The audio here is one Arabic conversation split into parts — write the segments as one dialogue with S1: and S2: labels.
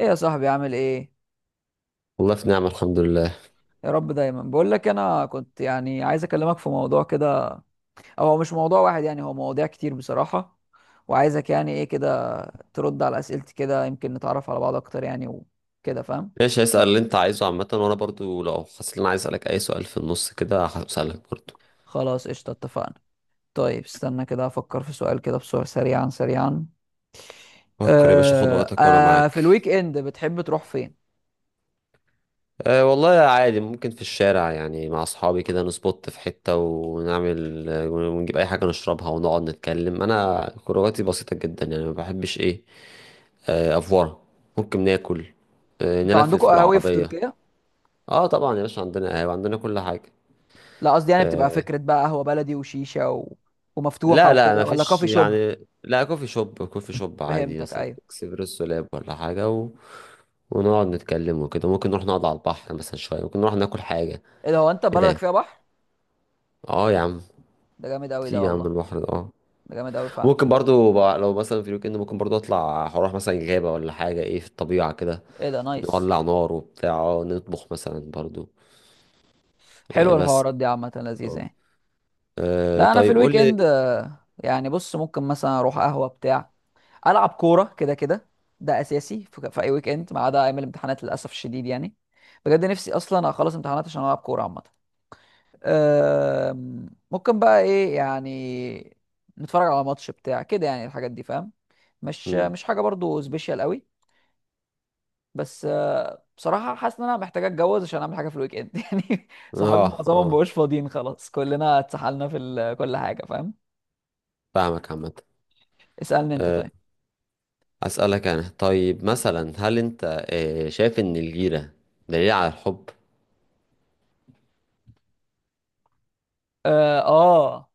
S1: ايه يا صاحبي عامل ايه؟
S2: والله في نعمة، الحمد لله.
S1: يا رب، دايما بقول لك انا كنت يعني عايز اكلمك في موضوع كده. أو هو مش موضوع واحد يعني، هو مواضيع كتير بصراحة. وعايزك يعني ايه كده، ترد على اسئلتي كده يمكن نتعرف على بعض اكتر يعني، وكده فاهم.
S2: ماشي، هسأل اللي انت عايزه عامة، وانا برضو لو حسيت ان انا عايز اسألك اي سؤال في النص كده هسألك برضو.
S1: خلاص قشطة، اتفقنا. طيب استنى كده افكر في سؤال كده بسرعة، سريعا سريعا.
S2: فكر يا باشا، خد وقتك وانا
S1: في
S2: معاك.
S1: الويك اند بتحب تروح فين؟
S2: أه والله عادي، ممكن في الشارع يعني مع اصحابي كده نسبوت في حتة ونعمل ونجيب اي حاجة نشربها ونقعد نتكلم. انا خروجاتي بسيطة جدا يعني ما بحبش ايه آه، افورة. ممكن ناكل،
S1: انتوا عندكم
S2: نلفلف
S1: قهاوي في
S2: بالعربية.
S1: تركيا؟
S2: اه طبعا يا باشا، عندنا قهوة، عندنا كل حاجة.
S1: لا، قصدي يعني بتبقى
S2: آه،
S1: فكرة بقى قهوة بلدي وشيشة و... ومفتوحة
S2: لا لا
S1: وكده
S2: ما
S1: ولا
S2: فيش
S1: كافي شوب؟
S2: يعني. لا، كوفي شوب، كوفي شوب عادي
S1: فهمتك،
S2: مثلا،
S1: ايوه.
S2: اكسبريسو لاب ولا حاجة، و... ونقعد نتكلم وكده. ممكن نروح نقعد على البحر مثلا شوية، ممكن نروح ناكل حاجة
S1: ايه ده؟ هو انت
S2: كده
S1: بلدك
S2: يعني.
S1: فيها بحر؟
S2: اه يا عم،
S1: ده جامد قوي
S2: في
S1: ده
S2: يا عم
S1: والله.
S2: البحر ده اه.
S1: ده جامد قوي فعلا.
S2: ممكن برضو لو مثلا في الويك اند، ممكن برضو اطلع هروح مثلا غابة ولا حاجة، ايه في الطبيعة كده،
S1: ايه ده؟ نايس.
S2: نولع نار وبتاع اه نطبخ مثلا برضو. آه
S1: حلوه
S2: بس.
S1: الحوارات دي عامه، لذيذه
S2: اه.
S1: يعني. لا انا في
S2: طيب قول
S1: الويك
S2: لي.
S1: اند يعني بص ممكن مثلا اروح قهوه بتاع، العب كوره كده كده. ده اساسي في اي ويك اند ما عدا ايام الامتحانات للاسف الشديد يعني. بجد نفسي اصلا اخلص امتحانات عشان العب كوره عامه. ممكن بقى ايه يعني، نتفرج على ماتش بتاع كده يعني، الحاجات دي فاهم. مش
S2: مم.
S1: مش حاجه برضو سبيشال قوي. بس بصراحة حاسس ان انا محتاج اتجوز عشان اعمل حاجة في الويك اند يعني. صحابي
S2: اه.
S1: معظمهم
S2: اه
S1: مبقوش فاضيين خلاص، كلنا اتسحلنا في كل حاجة فاهم.
S2: فاهمك عامة.
S1: اسألني انت
S2: آه،
S1: طيب.
S2: أسألك أنا طيب مثلا، هل أنت شايف إن الجيرة دليل على الحب؟
S1: اه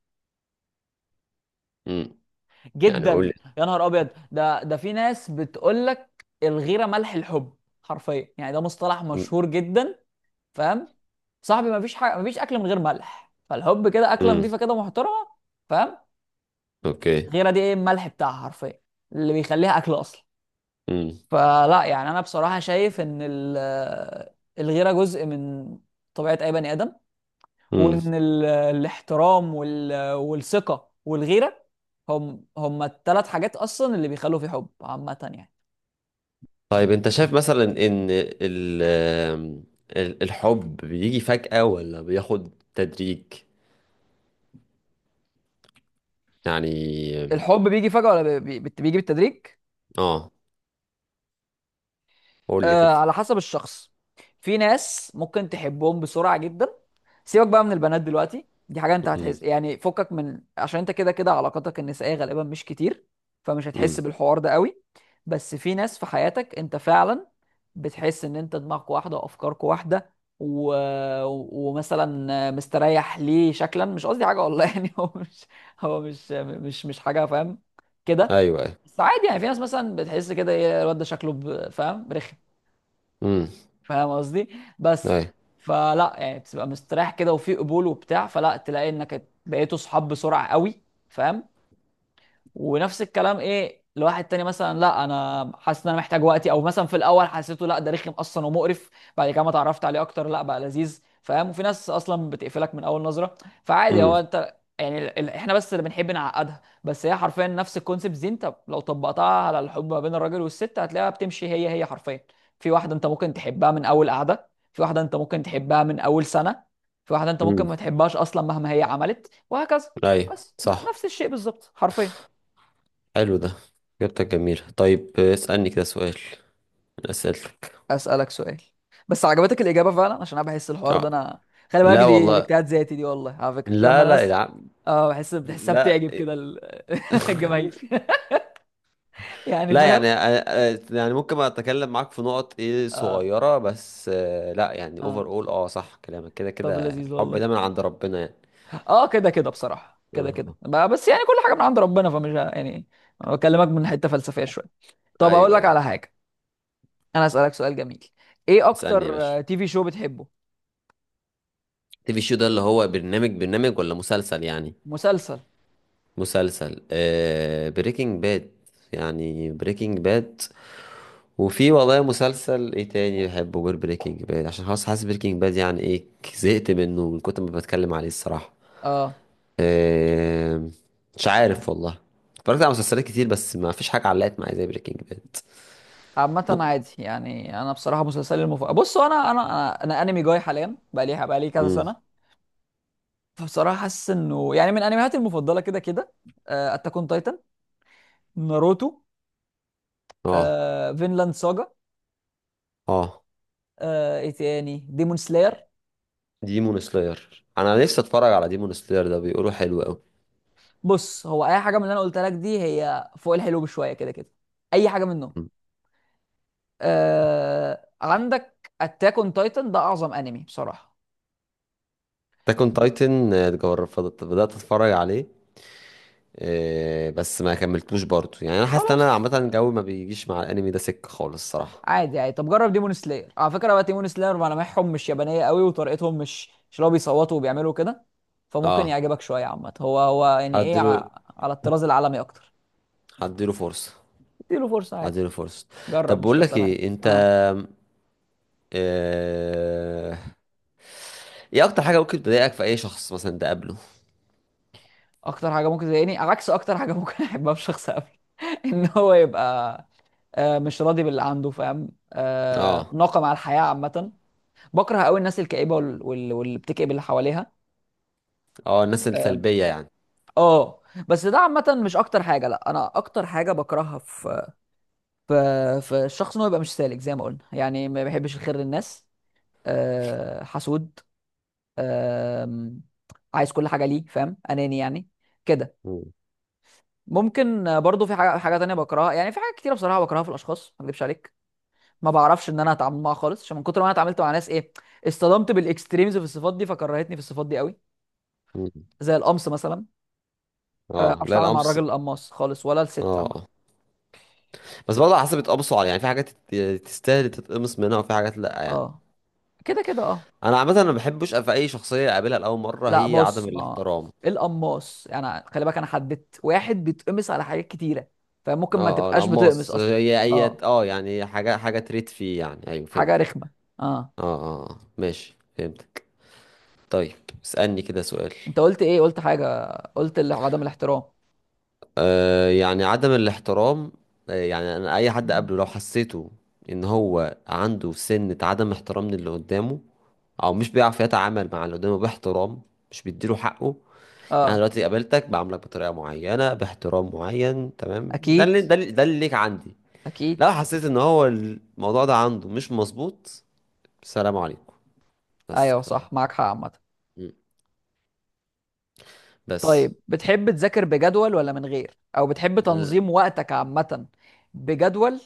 S2: مم. يعني قول لي.
S1: جدا، يا نهار ابيض ده، في ناس بتقول لك الغيرة ملح الحب. حرفيا يعني، ده مصطلح
S2: مم.
S1: مشهور جدا فاهم. صاحبي مفيش حاجة، مفيش اكل من غير ملح، فالحب كده اكلة
S2: مم.
S1: نظيفة كده محترمة فاهم.
S2: أوكي.
S1: الغيرة دي ايه الملح بتاعها حرفيا اللي بيخليها اكل اصلا.
S2: مم.
S1: فلا يعني، انا بصراحه شايف ان الغيره جزء من طبيعه اي بني ادم.
S2: مم.
S1: وان الاحترام والثقه والغيره هم هم ال3 حاجات اصلا اللي بيخلوا في حب عامه يعني.
S2: طيب أنت شايف مثلا إن الحب بيجي فجأة ولا بياخد تدريج؟ يعني
S1: الحب بيجي فجاه ولا بيجي بالتدريج؟
S2: آه، قول لي
S1: آه،
S2: كده.
S1: على حسب الشخص. في ناس ممكن تحبهم بسرعة جدا. سيبك بقى من البنات دلوقتي، دي حاجة انت
S2: مم.
S1: هتحس يعني، فكك من، عشان انت كده كده علاقاتك النسائية غالبا مش كتير، فمش هتحس
S2: مم.
S1: بالحوار ده قوي. بس في ناس في حياتك انت فعلا بتحس ان انت دماغك واحدة وافكارك واحدة و... ومثلا مستريح ليه شكلا، مش قصدي حاجة والله يعني هو مش حاجة فاهم كده.
S2: أيوه أيوه.
S1: بس عادي يعني، في ناس مثلا بتحس كده ايه الواد ده شكله فاهم رخم،
S2: مم.
S1: فاهم قصدي؟ بس،
S2: أيوه.
S1: فلا يعني بتبقى مستريح كده وفي قبول وبتاع، فلا تلاقي انك بقيتوا صحاب بسرعه قوي فاهم. ونفس الكلام ايه لواحد تاني، مثلا لا انا حاسس ان انا محتاج وقتي، او مثلا في الاول حسيته لا ده رخم اصلا ومقرف، بعد كده ما اتعرفت عليه اكتر لا بقى لذيذ فاهم. وفي ناس اصلا بتقفلك من اول نظره. فعادي، هو
S2: مم.
S1: انت يعني احنا بس اللي بنحب نعقدها، بس هي حرفيا نفس الكونسيبت دي، انت لو طبقتها على الحب ما بين الراجل والست هتلاقيها بتمشي هي هي حرفيا. في واحده انت ممكن تحبها من اول قعده، في واحده انت ممكن تحبها من اول سنه، في واحده انت ممكن
S2: مم.
S1: ما تحبهاش اصلا مهما هي عملت وهكذا.
S2: أيوه
S1: بس
S2: صح.
S1: نفس الشيء بالظبط حرفيا.
S2: حلو ده، إجابتك جميلة. طيب اسألني كده سؤال من أسئلتك.
S1: اسالك سؤال، بس عجبتك الاجابه فعلا، عشان انا بحس الحوار ده
S2: آه.
S1: انا، خلي بالك
S2: لا
S1: دي
S2: والله،
S1: اجتهاد ذاتي دي والله، على فكره لما
S2: لا لا
S1: الناس،
S2: يا عم،
S1: اه بحسها
S2: لا.
S1: بتعجب كده الجماهير يعني
S2: لا يعني
S1: فاهم.
S2: يعني ممكن اتكلم معاك في نقط ايه
S1: اه
S2: صغيرة بس، لا يعني
S1: اه،
S2: اوفر اول اه، صح كلامك كده كده،
S1: طب لذيذ
S2: الحب
S1: والله.
S2: ده من عند ربنا يعني.
S1: اه كده كده بصراحه
S2: اه.
S1: كده كده
S2: آه.
S1: بس يعني كل حاجه من عند ربنا، يعني بكلمك من حته فلسفيه شويه. طب اقول
S2: ايوه
S1: لك
S2: ايوه.
S1: على حاجه، انا اسالك سؤال جميل: ايه
S2: اسألني يا باشا.
S1: اكتر تي في شو بتحبه؟
S2: تي في شو ده اللي هو برنامج ولا مسلسل يعني؟
S1: مسلسل؟
S2: مسلسل آه، بريكنج باد يعني، بريكنج باد. وفي والله مسلسل ايه تاني بحبه غير بريكنج باد، عشان خلاص حاسس بريكنج باد يعني ايه، زهقت منه من كتر ما بتكلم عليه الصراحة.
S1: اه
S2: آه، مش عارف والله. اتفرجت على مسلسلات كتير بس ما فيش حاجة علقت معايا زي بريكنج باد.
S1: عامة
S2: ممكن.
S1: عادي يعني، انا بصراحة مسلسلي المفضل، بص هو أنا انمي جاي حاليا بقى لي كذا
S2: امم.
S1: سنة. فبصراحة حاسس انه يعني من انمياتي المفضلة كده كده: اتاك اون تايتن، ناروتو،
S2: اه
S1: فينلاند ساجا،
S2: اه.
S1: ايه تاني، ديمون سلاير.
S2: ديمون سلاير انا نفسي اتفرج على ديمون سلاير ده، بيقولوا حلو قوي.
S1: بص هو اي حاجة من اللي انا قلتها لك دي هي فوق الحلو بشوية كده كده، اي حاجة منهم. عندك اتاك اون تايتن ده اعظم انمي بصراحة.
S2: تاكون تايتن بدأت اتفرج عليه، بس ما كملتوش برضه، يعني انا حاسس ان انا
S1: خلاص،
S2: عامة الجو ما بيجيش مع الانمي ده سكة خالص الصراحة.
S1: عادي عادي، طب جرب ديمون سلاير على فكره، بقى ديمون سلاير ملامحهم مش يابانيه قوي وطريقتهم مش اللي هو بيصوتوا وبيعملوا كده، فممكن
S2: اه.
S1: يعجبك شويه عامه، هو هو يعني ايه
S2: هديله
S1: على الطراز العالمي اكتر.
S2: هديله فرصة.
S1: اديله فرصه عادي،
S2: هديله فرصة.
S1: جرب
S2: طب
S1: مش
S2: بقول لك
S1: تخسر حاجه.
S2: ايه انت،
S1: اه،
S2: آه، ايه اكتر حاجة ممكن تضايقك في اي شخص مثلا تقابله؟
S1: اكتر حاجه ممكن تضايقني عكس اكتر حاجه ممكن احبها في شخص قبل ان هو يبقى مش راضي باللي عنده فاهم،
S2: اه
S1: ناقم على الحياه عامه. بكره قوي الناس الكئيبه واللي بتكئب اللي حواليها.
S2: اه، الناس
S1: آه،
S2: السلبية يعني.
S1: اه. بس ده عامة مش أكتر حاجة، لأ، أنا أكتر حاجة بكرهها في، في في الشخص، إن هو يبقى مش سالك زي ما قلنا يعني، ما بيحبش الخير للناس. أه حسود، أه، عايز كل حاجة ليه فاهم، أناني يعني، كده.
S2: مم.
S1: ممكن برضو في حاجة، تانية بكرهها يعني، في حاجات كتيرة بصراحة بكرهها في الأشخاص ما أكذبش عليك. ما بعرفش إن أنا أتعامل معاها خالص عشان من كتر ما أنا اتعاملت مع ناس إيه، اصطدمت بالإكستريمز في الصفات دي فكرهتني في الصفات دي قوي.
S2: مم.
S1: زي القمص مثلا. ما
S2: اه
S1: بعرفش
S2: لا،
S1: أتعامل مع
S2: القمص
S1: الراجل
S2: اه.
S1: القماص خالص ولا الست
S2: آه.
S1: عامة.
S2: بس برضه على حسب اتقمصوا على، يعني في حاجات تستاهل تتقمص منها وفي حاجات لا يعني.
S1: اه كده كده اه.
S2: انا عامة ما بحبش في اي شخصية اقابلها لاول مرة
S1: لا
S2: هي عدم
S1: بص، ما
S2: الاحترام.
S1: القماص يعني، خلي بالك انا حددت واحد بيتقمص على حاجات كتيره، فممكن ما
S2: اه اه،
S1: تبقاش بتقمص
S2: القماص
S1: اصلا.
S2: هي اي
S1: اه
S2: اه، يعني حاجة تريد فيه يعني. ايوه
S1: حاجه
S2: فهمتك.
S1: رخمه اه.
S2: اه اه آه. ماشي فهمتك. طيب اسألني كده سؤال.
S1: انت قلت ايه؟ قلت حاجه، قلت اللي هو عدم الاحترام.
S2: يعني عدم الاحترام، يعني انا اي حد
S1: مم.
S2: قبله لو حسيته ان هو عنده سنة عدم احترام للي قدامه، او مش بيعرف يتعامل مع اللي قدامه باحترام، مش بيديله حقه. يعني
S1: اه،
S2: دلوقتي قابلتك بعاملك بطريقة معينة باحترام معين، تمام؟ ده
S1: اكيد
S2: اللي ليك عندي.
S1: اكيد.
S2: لو حسيت ان هو الموضوع ده عنده مش مظبوط، سلام عليكم، بس
S1: ايوه
S2: كده.
S1: صح، معاك حق عامه.
S2: م. بس.
S1: طيب بتحب تذاكر بجدول ولا من غير، او بتحب تنظيم وقتك عامه بجدول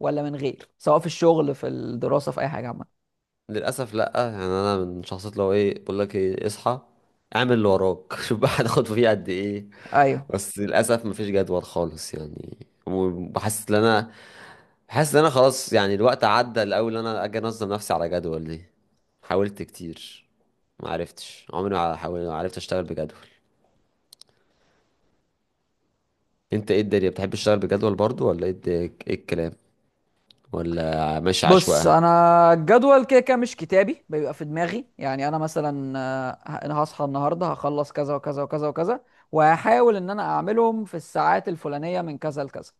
S1: ولا من غير، سواء في الشغل، في الدراسه، في اي حاجه عامه؟
S2: للاسف لا، يعني انا من شخصيات لو ايه بقول لك ايه اصحى، اعمل اللي وراك شوف بقى هتاخد فيه قد ايه.
S1: ايوه.
S2: بس للاسف مفيش جدول خالص يعني. وبحس ان انا بحس ان انا خلاص يعني الوقت عدى الاول ان انا اجي انظم نفسي على جدول دي. حاولت كتير، ما عرفتش، عمري ما حاولت، ما عرفت اشتغل بجدول. انت ايه الدنيا، بتحب تشتغل بجدول برضو ولا ايه ايه الكلام، ولا ماشي
S1: بص
S2: عشوائي؟
S1: انا الجدول كده كده مش كتابي، بيبقى في دماغي يعني. انا مثلا انا هصحى النهارده هخلص كذا وكذا وكذا وكذا، وهحاول ان انا اعملهم في الساعات الفلانيه من كذا لكذا.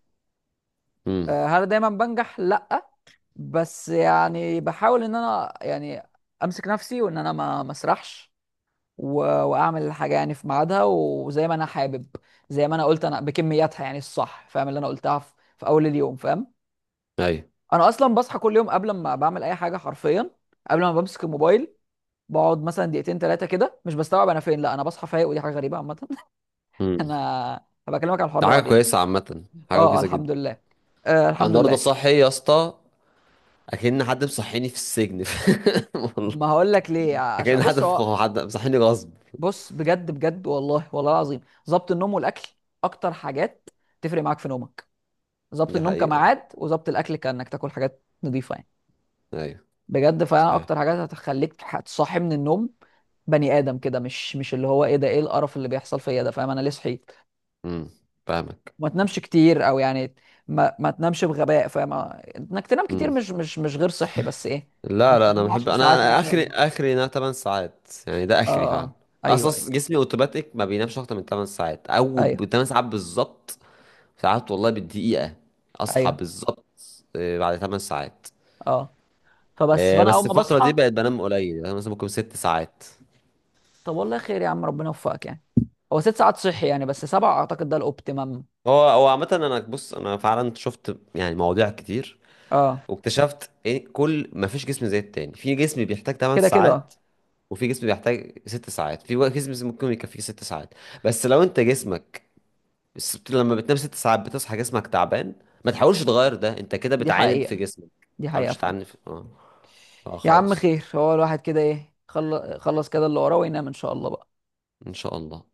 S2: امم.
S1: هل دايما بنجح؟ لا. بس يعني بحاول ان انا يعني امسك نفسي وان انا ما مسرحش و... واعمل الحاجه يعني في ميعادها وزي ما انا حابب، زي ما انا قلت انا بكمياتها يعني الصح، فاهم اللي انا قلتها في، في اول اليوم فاهم.
S2: ايوه.
S1: انا اصلا بصحى كل يوم قبل ما بعمل اي حاجه حرفيا، قبل ما بمسك الموبايل، بقعد مثلا دقيقتين 3 كده مش بستوعب انا فين، لا انا بصحى فايق، ودي حاجه غريبه عامه.
S2: امم.
S1: انا هبقى اكلمك عن الحوار
S2: ده
S1: ده
S2: حاجه
S1: بعدين.
S2: كويسه عامه، حاجه
S1: اه
S2: كويسه جدا.
S1: الحمد لله،
S2: انا
S1: الحمد
S2: النهارده
S1: لله.
S2: صاحي يا اسطى، اكن حد مصحيني في السجن والله.
S1: ما هقول لك ليه عشان
S2: اكن حد
S1: بص، هو
S2: حد مصحيني غصب.
S1: بص بجد بجد والله، والله العظيم، ظبط النوم والاكل اكتر حاجات تفرق معاك في نومك. ظبط
S2: دي
S1: النوم
S2: حقيقه.
S1: كميعاد، وظبط الاكل كانك تاكل حاجات نظيفه يعني.
S2: ايوه.
S1: بجد فعلا
S2: صحيح.
S1: اكتر حاجات هتخليك هتصحي من النوم بني ادم كده، مش اللي هو ايه ده، ايه القرف اللي بيحصل فيا ده فاهم، انا ليه صحيت.
S2: امم. فاهمك.
S1: ما تنامش كتير او يعني، ما تنامش بغباء فاهم، انك تنام كتير
S2: امم.
S1: مش غير صحي بس ايه،
S2: لا
S1: انك
S2: لا انا
S1: تنام
S2: بحب
S1: 10 ساعات
S2: انا
S1: مثلا.
S2: اخري ان انا 8 ساعات يعني، ده
S1: اه
S2: اخري فعلا.
S1: آه، ايوه ايوه
S2: اصلا جسمي اوتوماتيك ما بينامش اكتر من 8 ساعات، او ب
S1: ايوه
S2: 8 ساعات بالظبط، ساعات والله بالدقيقه اصحى
S1: ايوه
S2: بالظبط بعد 8 ساعات.
S1: اه. فبس، فانا اول
S2: بس
S1: ما
S2: الفتره دي
S1: بصحى،
S2: بقت بنام قليل، يعني مثلا ممكن 6 ساعات.
S1: طب والله خير يا عم، ربنا يوفقك يعني. هو 6 ساعات صحي يعني، بس 7 اعتقد ده الاوبتيمم.
S2: هو هو عامة انا بص انا فعلا شفت يعني مواضيع كتير،
S1: اه
S2: واكتشفت ايه، كل ما فيش جسم زي التاني، في جسم بيحتاج 8
S1: كده كده
S2: ساعات وفي جسم بيحتاج 6 ساعات، في جسم ممكن يكفيه 6 ساعات، بس لو انت جسمك بس لما بتنام 6 ساعات بتصحى جسمك تعبان، ما تحاولش تغير ده، انت كده
S1: دي
S2: بتعاند في
S1: حقيقة،
S2: جسمك،
S1: دي
S2: ما
S1: حقيقة
S2: تحاولش
S1: فعلا.
S2: تعاند في... اه.
S1: يا عم
S2: خلاص.
S1: خير، هو الواحد كده ايه خلص كده اللي وراه وينام ان شاء الله بقى.
S2: ان شاء الله.